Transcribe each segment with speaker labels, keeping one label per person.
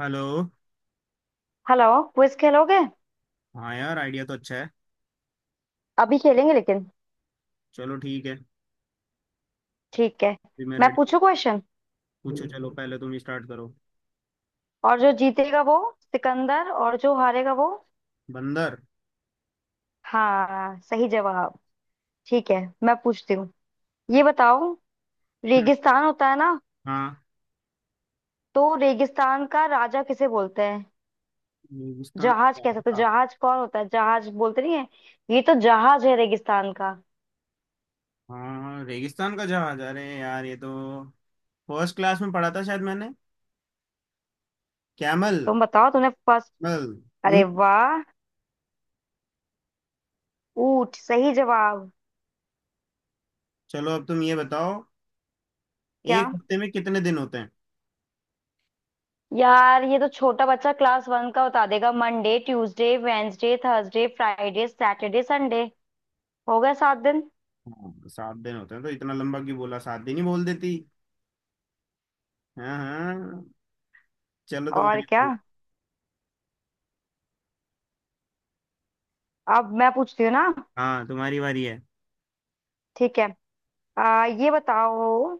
Speaker 1: Hello.
Speaker 2: Hello. Quiz खेलोगे?
Speaker 1: हाँ यार, आइडिया तो अच्छा है।
Speaker 2: अभी खेलेंगे लेकिन,
Speaker 1: चलो, ठीक है।
Speaker 2: ठीक है।
Speaker 1: भी मैं
Speaker 2: मैं
Speaker 1: रेडी हूँ।
Speaker 2: पूछू क्वेश्चन।
Speaker 1: पूछो, चलो, पहले तुम स्टार्ट करो।
Speaker 2: और जो जीतेगा वो सिकंदर, और जो हारेगा वो...
Speaker 1: बंदर।
Speaker 2: हाँ, सही जवाब। ठीक है, मैं पूछती हूँ। ये बताओ,
Speaker 1: हम्म,
Speaker 2: रेगिस्तान होता है ना,
Speaker 1: हाँ।
Speaker 2: तो रेगिस्तान का राजा किसे बोलते हैं?
Speaker 1: रेगिस्तान
Speaker 2: जहाज
Speaker 1: का
Speaker 2: कैसे? तो
Speaker 1: जहाज।
Speaker 2: जहाज कौन होता है? जहाज बोलते नहीं है, ये तो जहाज है रेगिस्तान का।
Speaker 1: हाँ, रेगिस्तान का जहाज। अरे यार, ये तो फर्स्ट क्लास में पढ़ा था शायद मैंने। कैमल।
Speaker 2: तुम बताओ तुमने फर्स्ट...
Speaker 1: कैमल।
Speaker 2: अरे
Speaker 1: ऊंट।
Speaker 2: वाह! ऊंट, सही जवाब।
Speaker 1: चलो, अब तुम ये बताओ।
Speaker 2: क्या
Speaker 1: एक हफ्ते में कितने दिन होते हैं?
Speaker 2: यार, ये तो छोटा बच्चा क्लास वन का उतार देगा। Monday, Tuesday, Wednesday, Thursday, Friday, Saturday, Sunday. हो गए 7 दिन।
Speaker 1: हाँ, 7 दिन होते हैं। तो इतना लंबा क्यों बोला, 7 दिन ही बोल देती। हाँ हाँ। चलो,
Speaker 2: और
Speaker 1: तुम्हारी
Speaker 2: क्या,
Speaker 1: बारी।
Speaker 2: अब मैं पूछती हूँ ना।
Speaker 1: हाँ, तुम्हारी बारी है।
Speaker 2: ठीक है, ये बताओ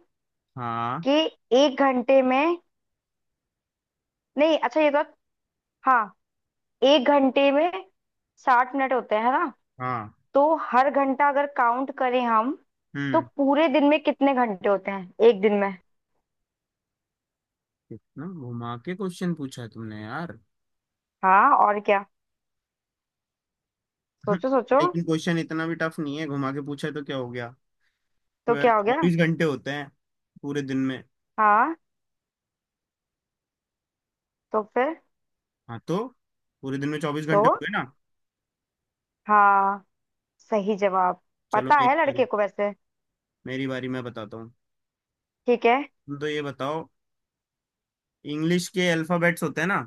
Speaker 1: हाँ।
Speaker 2: कि एक घंटे में... नहीं अच्छा, ये तो... हाँ, एक घंटे में 60 मिनट होते हैं है ना?
Speaker 1: हाँ।
Speaker 2: तो हर घंटा अगर काउंट करें हम, तो
Speaker 1: हम्म।
Speaker 2: पूरे दिन में कितने घंटे होते हैं, एक दिन में?
Speaker 1: इतना घुमा के क्वेश्चन पूछा है तुमने, यार।
Speaker 2: हाँ, और क्या। सोचो सोचो,
Speaker 1: लेकिन क्वेश्चन इतना भी टफ नहीं है। घुमा के पूछा है तो क्या हो गया?
Speaker 2: तो
Speaker 1: ट्वेल्व
Speaker 2: क्या हो गया?
Speaker 1: 24 घंटे होते हैं पूरे दिन में।
Speaker 2: हाँ तो फिर?
Speaker 1: हाँ तो पूरे दिन में चौबीस
Speaker 2: तो,
Speaker 1: घंटे हो गए ना।
Speaker 2: हाँ, सही जवाब।
Speaker 1: चलो,
Speaker 2: पता
Speaker 1: मेरी
Speaker 2: है लड़के
Speaker 1: बारी।
Speaker 2: को वैसे।
Speaker 1: मेरी बारी, मैं बताता हूँ।
Speaker 2: ठीक है।
Speaker 1: तुम तो ये बताओ, इंग्लिश के अल्फाबेट्स होते हैं ना।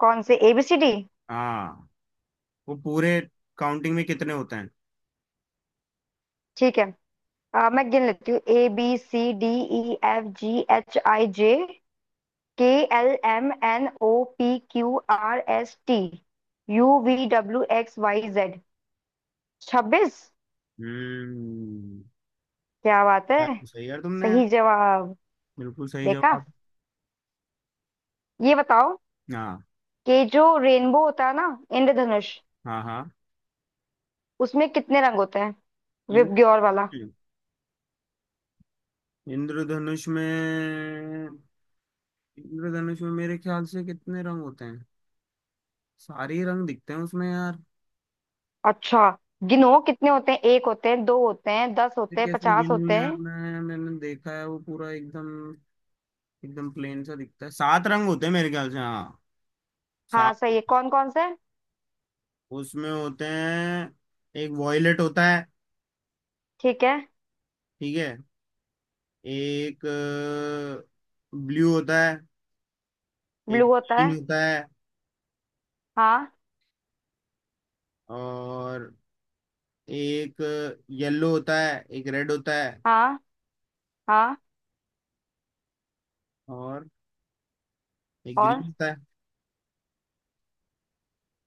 Speaker 2: कौन से, ए बी सी डी?
Speaker 1: हाँ। वो पूरे काउंटिंग में कितने होते हैं?
Speaker 2: ठीक है, मैं गिन लेती हूँ। A B C D, E F G H I J, K, L M N O, P Q R S T, U V W X Y Z. 26।
Speaker 1: हम्म।
Speaker 2: क्या बात है,
Speaker 1: यार, सही यार तुमने।
Speaker 2: सही जवाब।
Speaker 1: बिल्कुल सही
Speaker 2: देखा।
Speaker 1: जवाब।
Speaker 2: ये बताओ
Speaker 1: हाँ
Speaker 2: कि जो रेनबो होता है ना, इंद्रधनुष,
Speaker 1: हाँ। हाँ।
Speaker 2: उसमें कितने रंग होते हैं? विप
Speaker 1: इन।
Speaker 2: ग्योर वाला।
Speaker 1: इंद्रधनुष में। इंद्रधनुष में मेरे ख्याल से कितने रंग होते हैं? सारे ही रंग दिखते हैं उसमें, यार।
Speaker 2: अच्छा, गिनो कितने होते हैं। एक होते हैं, दो होते हैं, 10
Speaker 1: ये
Speaker 2: होते हैं,
Speaker 1: कैसे
Speaker 2: 50
Speaker 1: गिनूं
Speaker 2: होते
Speaker 1: यार,
Speaker 2: हैं?
Speaker 1: मैंने देखा है। वो पूरा एकदम एकदम प्लेन सा दिखता है। 7 रंग होते हैं मेरे ख्याल से। हाँ, सात
Speaker 2: हाँ, सही है।
Speaker 1: होते
Speaker 2: कौन कौन से?
Speaker 1: हैं। उसमें होते हैं, एक वॉयलेट होता है।
Speaker 2: ठीक है।
Speaker 1: ठीक है। एक ब्लू होता है। एक
Speaker 2: ब्लू होता
Speaker 1: ग्रीन
Speaker 2: है,
Speaker 1: होता है।
Speaker 2: हाँ,
Speaker 1: और एक येलो होता है। एक रेड होता है।
Speaker 2: हाँ, हाँ,
Speaker 1: और एक
Speaker 2: और
Speaker 1: ग्रीन होता है।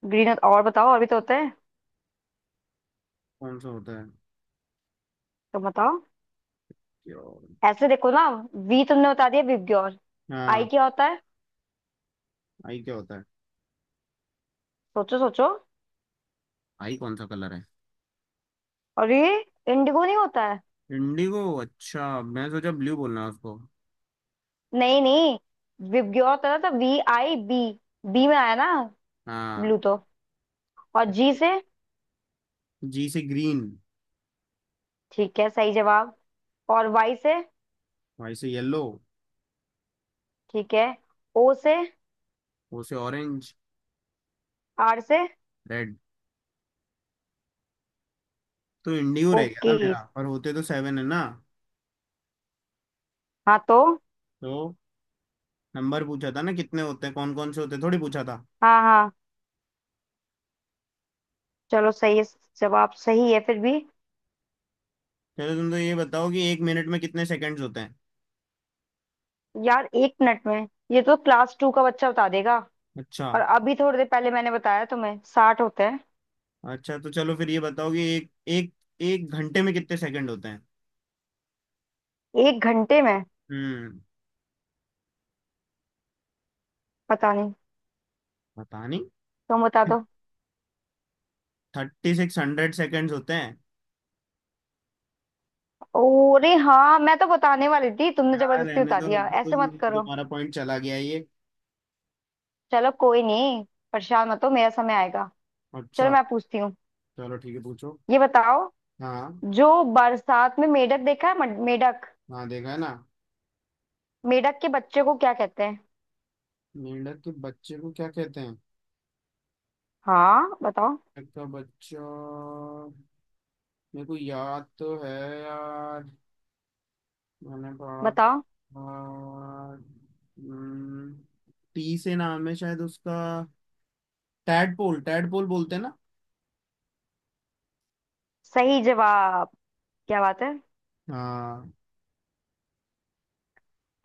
Speaker 2: ग्रीन होता? और बताओ, और भी तो होते हैं।
Speaker 1: कौन सा होता है?
Speaker 2: तो बताओ,
Speaker 1: क्या?
Speaker 2: ऐसे देखो ना, वी तुमने बता दिया विवग्योर, आई
Speaker 1: हाँ।
Speaker 2: क्या होता है?
Speaker 1: आई क्या होता है?
Speaker 2: सोचो सोचो,
Speaker 1: आई कौन सा कलर है?
Speaker 2: और ये इंडिगो नहीं होता है?
Speaker 1: इंडिगो, अच्छा। मैं सोचा ब्लू बोलना है उसको।
Speaker 2: नहीं नहीं, विवग्योर होता है ना, तो वी आई बी, बी में आया ना
Speaker 1: हाँ।
Speaker 2: ब्लू, तो और जी से?
Speaker 1: जी से ग्रीन।
Speaker 2: ठीक है, सही जवाब। और वाई से?
Speaker 1: वाई से येलो।
Speaker 2: ठीक है। ओ से?
Speaker 1: ओ से ऑरेंज।
Speaker 2: आर से?
Speaker 1: रेड। तो इंडिगो रह गया था
Speaker 2: ओके।
Speaker 1: मेरा। पर होते तो 7 है ना।
Speaker 2: हाँ तो,
Speaker 1: तो नंबर पूछा था ना कितने होते हैं, कौन कौन से होते हैं थोड़ी पूछा था।
Speaker 2: हाँ हाँ, चलो सही है, जवाब सही है फिर भी।
Speaker 1: चलो, तुम तो ये बताओ कि एक मिनट में कितने सेकंड्स होते हैं।
Speaker 2: यार एक मिनट में ये तो क्लास टू का बच्चा बता देगा।
Speaker 1: अच्छा।
Speaker 2: और अभी थोड़ी देर पहले मैंने बताया तुम्हें, 60 होते हैं।
Speaker 1: अच्छा, तो चलो फिर ये बताओ कि एक एक एक घंटे में कितने सेकंड होते हैं।
Speaker 2: एक घंटे में
Speaker 1: हम्म।
Speaker 2: पता नहीं,
Speaker 1: पता नहीं।
Speaker 2: तुम बता दो।
Speaker 1: 3600 सेकेंड्स होते हैं।
Speaker 2: अरे हाँ, मैं तो बताने वाली थी, तुमने
Speaker 1: हाँ,
Speaker 2: जबरदस्ती
Speaker 1: रहने
Speaker 2: बता
Speaker 1: दो
Speaker 2: दिया,
Speaker 1: अब तो।
Speaker 2: ऐसे मत
Speaker 1: तुम
Speaker 2: करो।
Speaker 1: तुम्हारा पॉइंट चला गया ये।
Speaker 2: चलो कोई नहीं, परेशान मत हो, मेरा समय आएगा। चलो
Speaker 1: अच्छा।
Speaker 2: मैं पूछती हूँ।
Speaker 1: चलो, ठीक है, पूछो।
Speaker 2: ये बताओ,
Speaker 1: हाँ।
Speaker 2: जो बरसात में मेढक देखा है, मेढक,
Speaker 1: हाँ, देखा है ना।
Speaker 2: मेढक के बच्चे को क्या कहते हैं?
Speaker 1: मेंढक के बच्चे को क्या कहते हैं?
Speaker 2: हाँ बताओ।
Speaker 1: मेंढक का बच्चा मेरे को याद तो है, यार। मैंने पढ़ा था।
Speaker 2: बताओ।
Speaker 1: हम्म, टी से नाम है शायद उसका। टैडपोल। टैडपोल बोलते हैं ना।
Speaker 2: सही जवाब, क्या बात है।
Speaker 1: हाँ।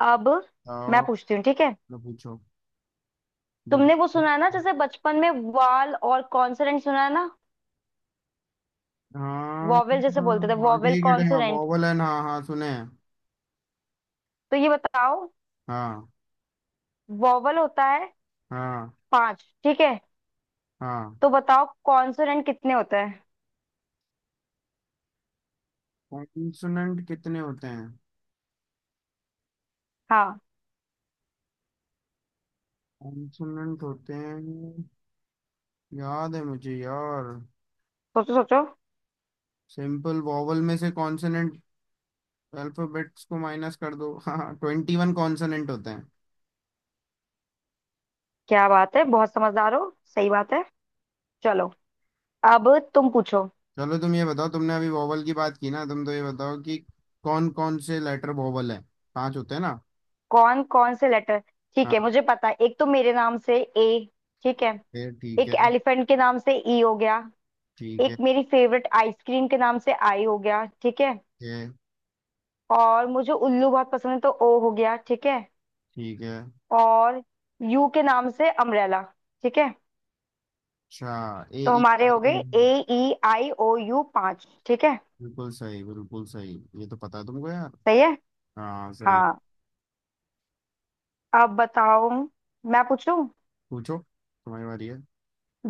Speaker 2: अब मैं
Speaker 1: आओ।
Speaker 2: पूछती हूँ, ठीक है।
Speaker 1: तो पूछो। दो।
Speaker 2: तुमने वो सुना है ना, जैसे बचपन में वाल और कॉन्सोनेंट, सुना है ना?
Speaker 1: हाँ
Speaker 2: वॉवेल जैसे
Speaker 1: हाँ
Speaker 2: बोलते थे,
Speaker 1: हाँ,
Speaker 2: वॉवेल
Speaker 1: ठीक है, हाँ।
Speaker 2: कॉन्सोनेंट।
Speaker 1: बॉबल है, हाँ हाँ, सुने हैं।
Speaker 2: तो ये बताओ,
Speaker 1: हाँ।
Speaker 2: वॉवेल होता है
Speaker 1: हाँ।
Speaker 2: पांच, ठीक है?
Speaker 1: हाँ।
Speaker 2: तो बताओ, कॉन्सोनेंट कितने होते हैं?
Speaker 1: कॉन्सोनेंट कितने होते हैं?
Speaker 2: हाँ,
Speaker 1: कॉन्सोनेंट होते हैं, याद है मुझे यार।
Speaker 2: सोचो सोचो।
Speaker 1: सिंपल वॉवल में से कॉन्सोनेंट अल्फाबेट्स को माइनस कर दो। हाँ, 21 कॉन्सोनेंट होते हैं।
Speaker 2: क्या बात है, बहुत समझदार हो, सही बात है। चलो, अब तुम पूछो।
Speaker 1: चलो, तुम ये बताओ, तुमने अभी वॉवल की बात की ना। तुम तो ये बताओ कि कौन कौन से लेटर वॉवल है। पांच होते हैं ना।
Speaker 2: कौन कौन से लेटर? ठीक है,
Speaker 1: हाँ।
Speaker 2: मुझे पता है। एक तो मेरे नाम से ए, ठीक है।
Speaker 1: फिर ठीक
Speaker 2: एक
Speaker 1: है।
Speaker 2: एलिफेंट के नाम से ई हो गया।
Speaker 1: ठीक
Speaker 2: एक
Speaker 1: है।
Speaker 2: मेरी फेवरेट आइसक्रीम के नाम से आई हो गया, ठीक है।
Speaker 1: ठीक है।
Speaker 2: और मुझे उल्लू बहुत पसंद है, तो ओ हो गया, ठीक है।
Speaker 1: ठीक है।
Speaker 2: और यू के नाम से अम्ब्रेला, ठीक है।
Speaker 1: अच्छा। ए
Speaker 2: तो
Speaker 1: ई
Speaker 2: हमारे
Speaker 1: आई
Speaker 2: हो गए A,
Speaker 1: E.
Speaker 2: E, I, O, U, पांच, ठीक है।
Speaker 1: बिल्कुल सही, बिल्कुल सही। ये तो पता है तुमको, यार।
Speaker 2: सही है।
Speaker 1: हाँ, सही।
Speaker 2: हाँ, अब बताओ, मैं पूछूं?
Speaker 1: पूछो, तुम्हारी बारी है।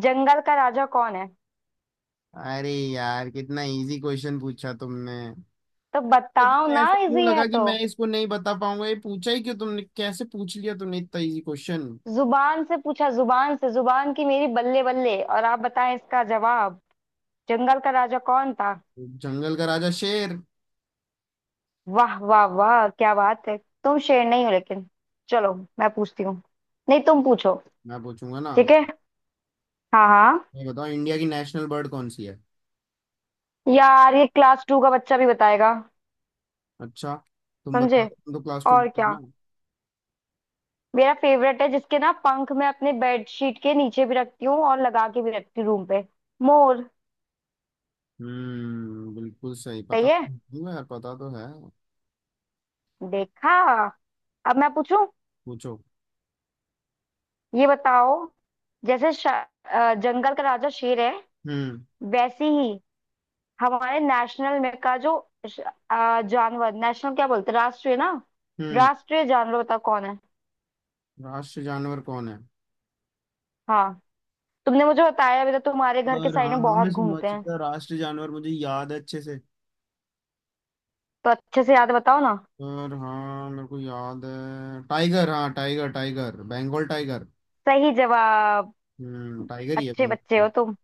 Speaker 2: जंगल का राजा कौन है?
Speaker 1: अरे यार, कितना इजी क्वेश्चन पूछा तुमने।
Speaker 2: तो
Speaker 1: ये
Speaker 2: बताओ
Speaker 1: तुम्हें
Speaker 2: ना,
Speaker 1: ऐसे क्यों
Speaker 2: इजी है
Speaker 1: लगा कि
Speaker 2: तो।
Speaker 1: मैं इसको नहीं बता पाऊंगा? ये पूछा ही क्यों तुमने? कैसे पूछ लिया तुमने इतना इजी क्वेश्चन?
Speaker 2: जुबान से पूछा जुबान से, जुबान की मेरी बल्ले बल्ले। और आप बताएं इसका जवाब, जंगल का राजा कौन था?
Speaker 1: जंगल का राजा शेर।
Speaker 2: वाह वाह वाह, क्या बात है। तुम शेर नहीं हो लेकिन। चलो मैं पूछती हूँ, नहीं तुम पूछो।
Speaker 1: मैं पूछूंगा ना।
Speaker 2: ठीक है, हाँ हाँ।
Speaker 1: ये बताओ, इंडिया की नेशनल बर्ड कौन सी है?
Speaker 2: यार ये क्लास टू का बच्चा भी बताएगा।
Speaker 1: अच्छा। तुम बता
Speaker 2: समझे,
Speaker 1: दो, तुम तो क्लास टू
Speaker 2: और
Speaker 1: की हो
Speaker 2: क्या।
Speaker 1: ना।
Speaker 2: मेरा फेवरेट है, जिसके ना पंख मैं अपने बेडशीट के नीचे भी रखती हूँ, और लगा के भी रखती हूँ रूम पे। मोर।
Speaker 1: हम्म, बिल्कुल सही पता
Speaker 2: सही है,
Speaker 1: तो है यार, पता तो है।
Speaker 2: देखा। अब मैं पूछूं,
Speaker 1: पूछो।
Speaker 2: ये बताओ, जैसे जंगल का राजा शेर है,
Speaker 1: हम्म।
Speaker 2: वैसे ही हमारे नेशनल में का जो श- जानवर, नेशनल क्या बोलते हैं, राष्ट्रीय ना।
Speaker 1: हम्म।
Speaker 2: राष्ट्रीय जानवर बता कौन है?
Speaker 1: राष्ट्र जानवर कौन है?
Speaker 2: हाँ, तुमने मुझे बताया अभी, तो तुम्हारे घर के
Speaker 1: और
Speaker 2: साइड
Speaker 1: हाँ
Speaker 2: में
Speaker 1: हाँ,
Speaker 2: बहुत
Speaker 1: मैं समझ
Speaker 2: घूमते हैं।
Speaker 1: गया। राष्ट्र जानवर मुझे याद है अच्छे से।
Speaker 2: तो अच्छे से याद, बताओ ना।
Speaker 1: सर हाँ, मेरे को याद है, टाइगर। हाँ, टाइगर, टाइगर। बंगाल टाइगर।
Speaker 2: सही जवाब,
Speaker 1: हम्म, टाइगर ही है,
Speaker 2: अच्छे बच्चे
Speaker 1: बंगाल।
Speaker 2: हो तुम।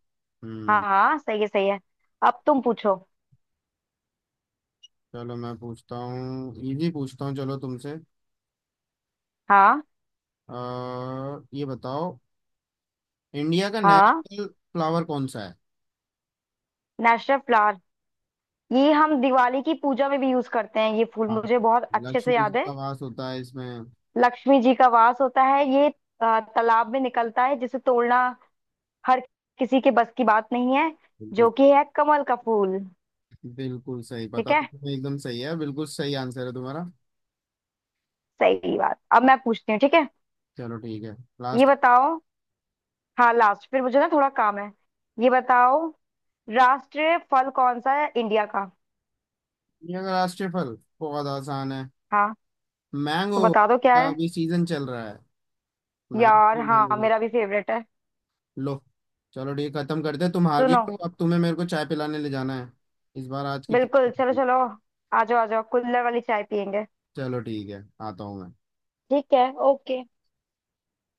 Speaker 2: हाँ
Speaker 1: हम्म।
Speaker 2: हाँ, सही है सही है। अब तुम पूछो।
Speaker 1: चलो, मैं पूछता हूँ। इजी पूछता हूँ चलो, तुमसे।
Speaker 2: हाँ
Speaker 1: आ, ये बताओ, इंडिया का
Speaker 2: हाँ।
Speaker 1: नेशनल फ्लावर कौन सा है?
Speaker 2: नेशनल फ्लावर, ये हम दिवाली की पूजा में भी यूज करते हैं ये फूल,
Speaker 1: हाँ।
Speaker 2: मुझे बहुत अच्छे से
Speaker 1: लक्ष्मी जी
Speaker 2: याद है।
Speaker 1: का वास होता है इसमें।
Speaker 2: लक्ष्मी जी का वास होता है, ये तालाब में निकलता है, जिसे तोड़ना हर किसी के बस की बात नहीं है,
Speaker 1: बिल्कुल।
Speaker 2: जो कि है कमल का फूल।
Speaker 1: बिल्कुल सही
Speaker 2: ठीक
Speaker 1: पता तो
Speaker 2: है,
Speaker 1: तुम्हें। एकदम सही है, बिल्कुल सही आंसर है तुम्हारा।
Speaker 2: सही बात। अब मैं पूछती हूँ, ठीक है।
Speaker 1: चलो, ठीक है।
Speaker 2: ये
Speaker 1: लास्ट।
Speaker 2: बताओ, हाँ लास्ट, फिर मुझे ना थोड़ा काम है। ये बताओ, राष्ट्रीय फल कौन सा है इंडिया का?
Speaker 1: इंडिया का राष्ट्रीय फल बहुत आसान है।
Speaker 2: हाँ, तो
Speaker 1: मैंगो
Speaker 2: बता दो क्या
Speaker 1: का
Speaker 2: है।
Speaker 1: अभी सीजन चल रहा है।
Speaker 2: यार हाँ,
Speaker 1: मैंगो।
Speaker 2: मेरा भी फेवरेट है।
Speaker 1: लो। चलो, ठीक है, खत्म करते हैं। तुम हार गई
Speaker 2: सुनो,
Speaker 1: हो, अब तुम्हें मेरे को चाय पिलाने ले जाना है। इस बार आज की, ठीक?
Speaker 2: बिल्कुल चलो चलो, आ जाओ आ जाओ, कुल्हड़ वाली चाय पियेंगे।
Speaker 1: चलो, ठीक है, आता हूँ मैं।
Speaker 2: ठीक है, ओके।